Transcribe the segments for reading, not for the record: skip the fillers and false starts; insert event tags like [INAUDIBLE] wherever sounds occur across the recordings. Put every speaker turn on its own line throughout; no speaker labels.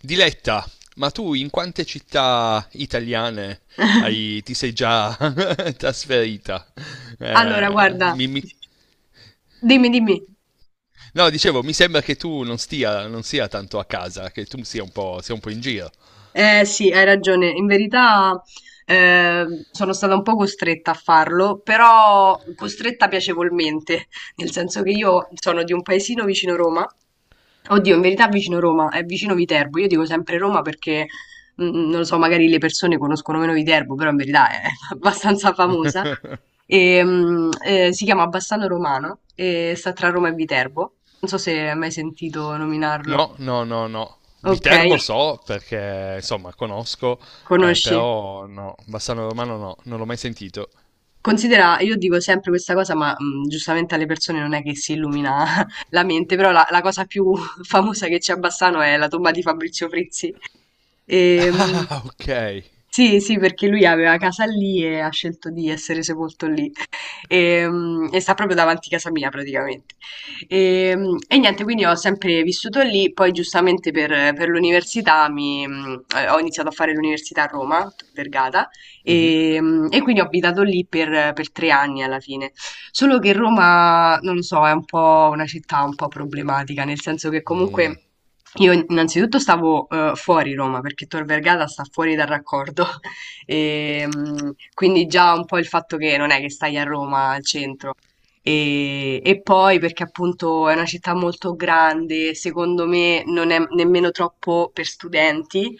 Diletta, ma tu in quante città italiane
[LAUGHS]
ti sei già [LAUGHS] trasferita?
Allora,
Eh,
guarda,
mi- mi-
dimmi, dimmi.
no, dicevo, mi sembra che tu non stia, non sia tanto a casa, che tu sia un po' in giro.
Eh sì, hai ragione. In verità sono stata un po' costretta a farlo, però costretta piacevolmente, [LAUGHS] nel senso che io sono di un paesino vicino Roma. Oddio, in verità vicino Roma, è vicino Viterbo. Io dico sempre Roma perché non lo so, magari le persone conoscono meno Viterbo, però in verità è [LAUGHS] abbastanza famosa. E si chiama Bassano Romano e sta tra Roma e Viterbo. Non so se hai mai sentito nominarlo.
No, no, no, no.
Ok,
Viterbo so perché, insomma, conosco,
conosci?
però no, Bassano Romano no, non l'ho mai sentito. [LAUGHS]
Considera, io dico sempre questa cosa, ma giustamente alle persone non è che si illumina [LAUGHS] la mente, però la cosa più [LAUGHS] famosa che c'è a Bassano è la tomba di Fabrizio Frizzi. E, mh,
Ah, ok.
sì, sì, perché lui aveva casa lì e ha scelto di essere sepolto lì e sta proprio davanti a casa mia praticamente. E niente, quindi ho sempre vissuto lì, poi giustamente per, l'università ho iniziato a fare l'università a Roma, Tor Vergata,
Mhm.
e quindi ho abitato lì per, 3 anni alla fine. Solo che Roma, non lo so, è un po' una città un po' problematica, nel senso che comunque... Io innanzitutto stavo fuori Roma perché Tor Vergata sta fuori dal raccordo e, quindi già un po' il fatto che non è che stai a Roma al centro. E poi perché appunto è una città molto grande, secondo me non è nemmeno troppo per studenti.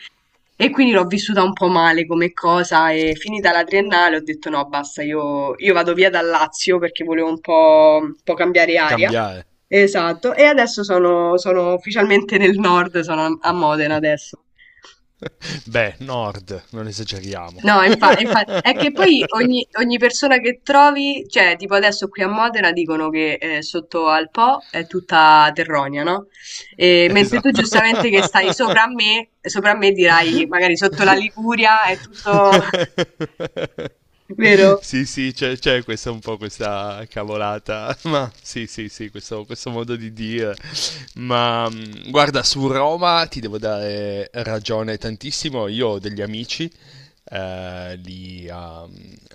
E quindi l'ho vissuta un po' male come cosa e, finita la triennale, ho detto no, basta, io vado via dal Lazio perché volevo un po' cambiare aria.
Cambiare.
Esatto, e adesso sono ufficialmente nel nord, sono a Modena adesso.
Beh, nord, non esageriamo.
No, è che poi ogni,
[LAUGHS]
ogni persona che trovi, cioè tipo adesso qui a Modena dicono che sotto al Po è tutta terronia, no? E mentre tu
Esatto.
giustamente, che stai
[LAUGHS]
sopra a me dirai magari sotto la Liguria è tutto [LAUGHS] vero?
Sì, sì, c'è questa un po' questa cavolata, [LAUGHS] ma sì, sì, sì, questo modo di dire. Ma guarda, su Roma ti devo dare ragione tantissimo. Io ho degli amici lì a,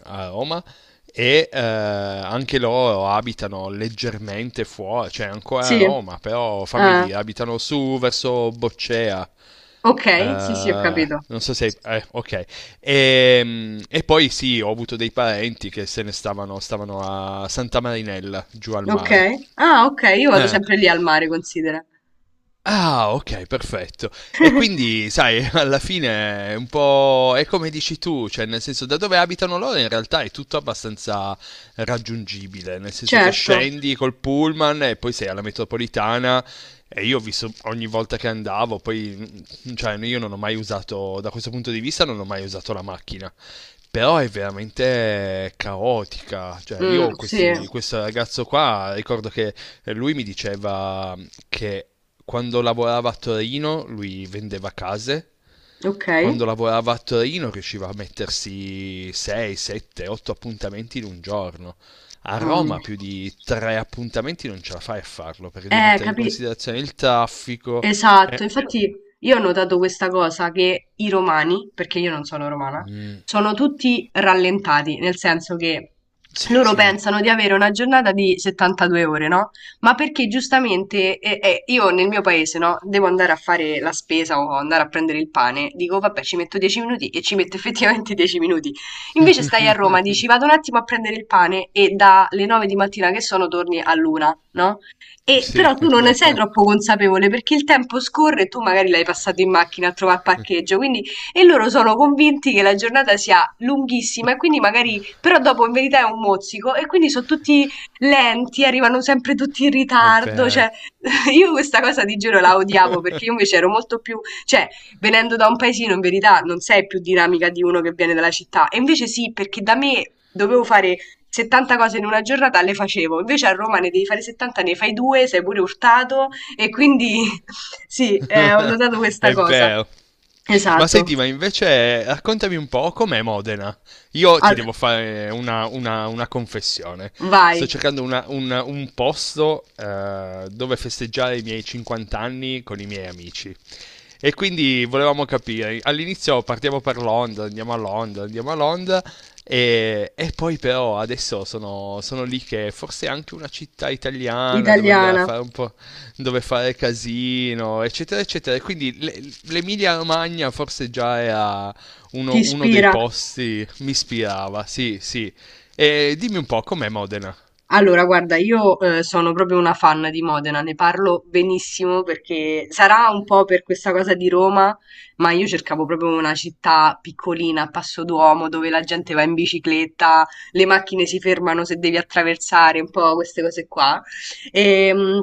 a Roma e anche loro abitano leggermente fuori, cioè ancora
Sì.
a Roma, però fammi
Ah,
dire, abitano su verso Boccea. Eh,
ok, sì, sì, ho capito.
non so se, ok. E poi sì, ho avuto dei parenti che se ne stavano a Santa Marinella, giù al
Ok.
mare.
Ah, ok, io vado
Eh,
sempre lì al mare, considera.
Ah, ok, perfetto. E
[LAUGHS]
quindi, sai, [LAUGHS] alla fine è un po' è come dici tu, cioè nel senso da dove abitano loro in realtà è tutto abbastanza raggiungibile, nel senso che
Certo.
scendi col pullman e poi sei alla metropolitana e io ho visto ogni volta che andavo, poi cioè io non ho mai usato, da questo punto di vista non ho mai usato la macchina. Però è veramente caotica. Cioè,
Mm,
io
sì.
questo ragazzo qua ricordo che e lui mi diceva che quando lavorava a Torino lui vendeva case,
Ok.
quando lavorava a Torino riusciva a mettersi 6, 7, 8 appuntamenti in un giorno. A
Mamma
Roma
mia.
più di 3 appuntamenti non ce la fai a farlo perché devi
Eh,
mettere in
capi...
considerazione il traffico. Eh.
Esatto, infatti io ho notato questa cosa che i romani, perché io non sono romana,
Mm,
sono tutti rallentati, nel senso che loro
sì,
pensano di avere una giornata di 72 ore, no? Ma perché giustamente io nel mio paese, no, devo andare a fare la spesa o andare a prendere il pane, dico vabbè, ci metto 10 minuti e ci metto [LAUGHS] effettivamente 10 minuti. Invece stai a Roma, dici vado un attimo a prendere il pane e dalle 9 di mattina che sono torni all'una, no? E
sì,
però tu non ne sei troppo consapevole perché il tempo scorre e tu magari l'hai passato in macchina a trovare il parcheggio, quindi, e loro sono convinti che la giornata sia lunghissima e quindi magari però dopo in verità è un mozzico e quindi sono tutti lenti, arrivano sempre tutti in
è
ritardo,
vero,
cioè, [LAUGHS] io questa cosa di giro la odiavo perché io invece ero molto più, cioè, venendo da un paesino in verità non sei più dinamica di uno che viene dalla città, e invece sì, perché da me dovevo fare 70 cose in una giornata, le facevo, invece a Roma ne devi fare 70, ne fai due, sei pure urtato e quindi [LAUGHS] sì, ho notato
[LAUGHS]
questa
è
cosa.
vero. Ma
Esatto.
senti, ma invece raccontami un po' com'è Modena. Io ti
Al-
devo fare una confessione.
Vai,
Sto cercando un posto dove festeggiare i miei 50 anni con i miei amici. E quindi volevamo capire, all'inizio partiamo per Londra, andiamo a Londra, e poi però adesso sono lì che forse è anche una città italiana dove andare a
italiana,
fare un po' dove fare casino, eccetera, eccetera. E quindi l'Emilia Romagna forse già era
ti
uno dei
ispira.
posti, mi ispirava, sì, sì. E dimmi un po', com'è Modena?
Allora, guarda, io sono proprio una fan di Modena, ne parlo benissimo perché sarà un po' per questa cosa di Roma, ma io cercavo proprio una città piccolina, a passo d'uomo, dove la gente va in bicicletta, le macchine si fermano se devi attraversare, un po' queste cose qua. E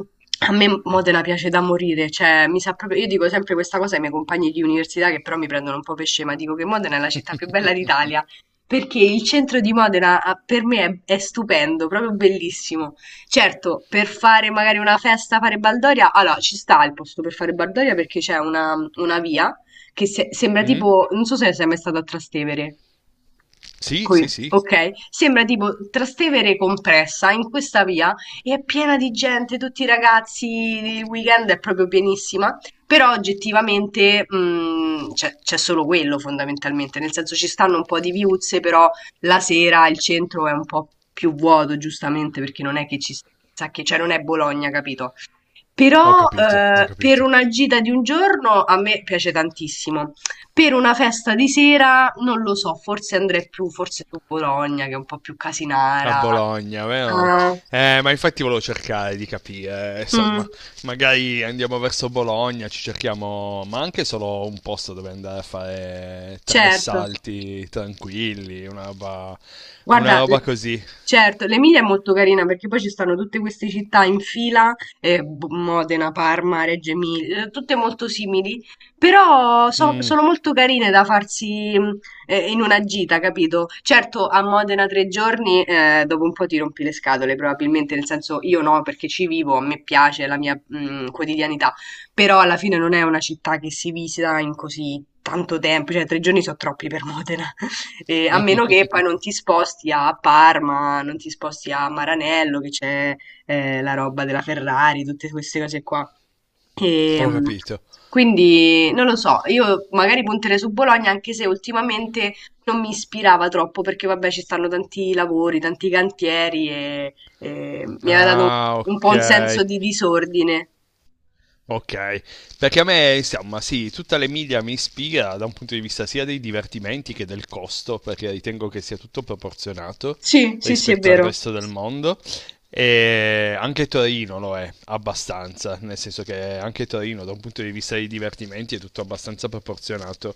a me Modena piace da morire, cioè mi sa proprio, io dico sempre questa cosa ai miei compagni di università, che però mi prendono un po' per scema, dico che Modena è la città più bella d'Italia perché il centro di Modena, per me, è stupendo, proprio bellissimo. Certo, per fare magari una festa, fare baldoria, allora ci sta il posto per fare baldoria perché c'è una via che sembra
Mm?
tipo, non so se sei mai stato a Trastevere.
Sì,
Qui,
sì, sì,
ok? Sembra tipo Trastevere compressa in questa via e è piena di gente, tutti i ragazzi, il weekend è proprio pienissima, però oggettivamente c'è solo quello fondamentalmente, nel senso ci stanno un po' di viuzze, però la sera il centro è un po' più vuoto, giustamente, perché non è che ci sa che, cioè non è Bologna, capito?
ho
Però
capito, ho
per
capito.
una gita di un giorno a me piace tantissimo. Per una festa di sera non lo so, forse andrei più, forse su Bologna, che è un po' più
A
casinara.
Bologna, vero?
Ah,
Ma infatti volevo cercare di capire,
mm,
insomma, magari andiamo verso Bologna, ci cerchiamo, ma anche solo un posto dove andare a fare tre
certo.
salti tranquilli, una
Guarda,
roba così.
certo, l'Emilia è molto carina perché poi ci stanno tutte queste città in fila, Modena, Parma, Reggio Emilia, tutte molto simili, però
Mm,
sono molto carine da farsi, in una gita, capito? Certo, a Modena 3 giorni, dopo un po' ti rompi le scatole, probabilmente, nel senso io no, perché ci vivo, a me piace, è la mia quotidianità, però alla fine non è una città che si visita in così tanto tempo, cioè 3 giorni sono troppi per Modena. A meno che poi non ti sposti a Parma, non ti sposti a Maranello, che c'è la roba della Ferrari, tutte queste cose qua. E
ho capito.
quindi non lo so, io magari punterei su Bologna, anche se ultimamente non mi ispirava troppo, perché vabbè ci stanno tanti lavori, tanti cantieri e mi ha dato un
Ah,
po'
ok.
un senso di disordine.
Ok, perché a me, insomma, sì, tutta l'Emilia mi ispira da un punto di vista sia dei divertimenti che del costo, perché ritengo che sia tutto proporzionato
Sì, sì, sì, è
rispetto al
vero.
resto del mondo. E anche Torino lo è abbastanza, nel senso che anche Torino, da un punto di vista dei divertimenti, è tutto abbastanza proporzionato.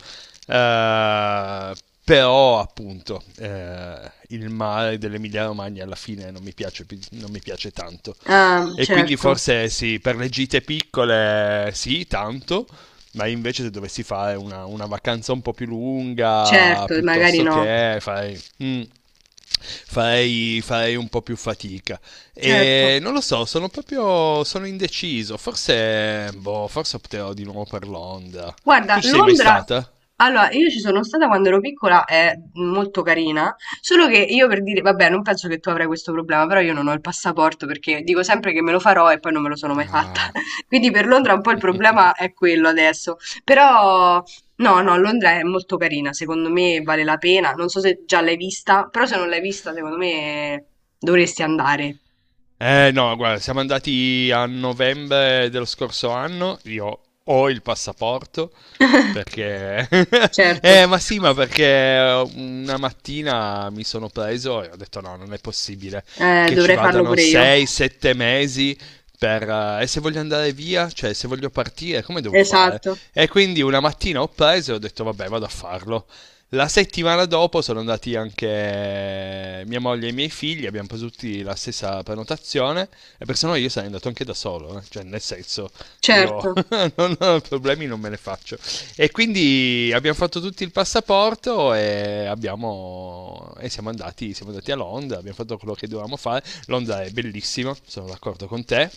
Eh, però, appunto, il mare dell'Emilia Romagna alla fine non mi piace, non mi piace tanto.
Ah,
E quindi
certo,
forse sì, per le gite piccole sì, tanto, ma invece se dovessi fare una vacanza un po' più lunga,
certo, magari
piuttosto
no,
che fai, farei un po' più fatica.
certo.
E non lo so, sono proprio sono indeciso. Forse, boh, forse opterò di nuovo per Londra.
Guarda,
Tu ci sei mai
Londra,
stata?
allora io ci sono stata quando ero piccola, è molto carina, solo che io, per dire, vabbè, non penso che tu avrai questo problema, però io non ho il passaporto perché dico sempre che me lo farò e poi non me lo sono mai fatta.
Ah.
[LAUGHS] Quindi per Londra un po' il problema è quello adesso. Però no, no, Londra è molto carina, secondo me vale la pena. Non so se già l'hai vista, però se non l'hai vista, secondo me dovresti andare.
Eh no, guarda, siamo andati a novembre dello scorso anno, io ho il passaporto
[LAUGHS]
perché, [LAUGHS]
Certo,
ma sì, ma perché una mattina mi sono preso e ho detto no, non è possibile che ci
dovrei farlo
vadano
pure io.
6-7 mesi per, e se voglio andare via, cioè se voglio partire, come devo fare?
Esatto.
E quindi una mattina ho preso e ho detto vabbè, vado a farlo. La settimana dopo sono andati anche mia moglie e i miei figli, abbiamo preso tutti la stessa prenotazione e per se no io sarei andato anche da solo, eh, cioè nel senso io
Certo.
[LAUGHS] non ho problemi, non me ne faccio. E quindi abbiamo fatto tutti il passaporto e, siamo andati a Londra, abbiamo fatto quello che dovevamo fare. Londra è bellissima, sono d'accordo con te.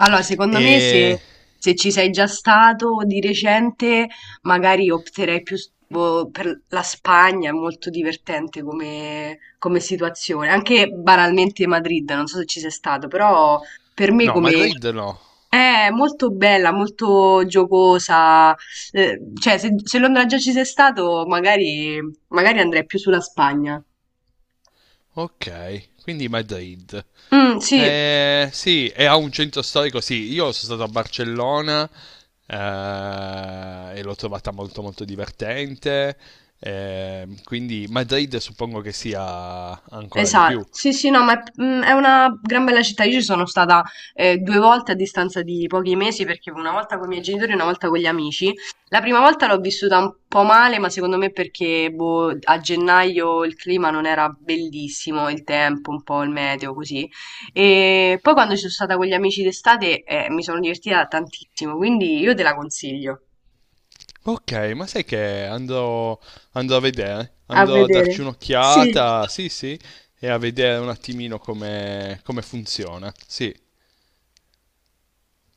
Allora, secondo me,
E
se ci sei già stato di recente, magari opterei più boh, per la Spagna, è molto divertente come situazione. Anche banalmente Madrid, non so se ci sei stato, però per me
no,
come...
Madrid no.
È molto bella, molto giocosa. Cioè, se Londra già ci sei stato, magari andrei più sulla Spagna.
Okay, quindi Madrid.
Mm, sì.
Sì, e ha un centro storico, sì, io sono stato a Barcellona e l'ho trovata molto molto divertente, quindi Madrid suppongo che sia ancora di
Esa
più.
sì, sì, no, ma è una gran bella città. Io ci sono stata, 2 volte a distanza di pochi mesi, perché una volta con i miei genitori e una volta con gli amici. La prima volta l'ho vissuta un po' male, ma secondo me perché, boh, a gennaio il clima non era bellissimo, il tempo, un po' il meteo, così. E poi, quando ci sono stata con gli amici d'estate, mi sono divertita tantissimo, quindi io te la consiglio.
Ok, ma sai che
A
andrò a
vedere.
darci
Sì.
un'occhiata, sì sì, e a vedere un attimino come funziona, sì.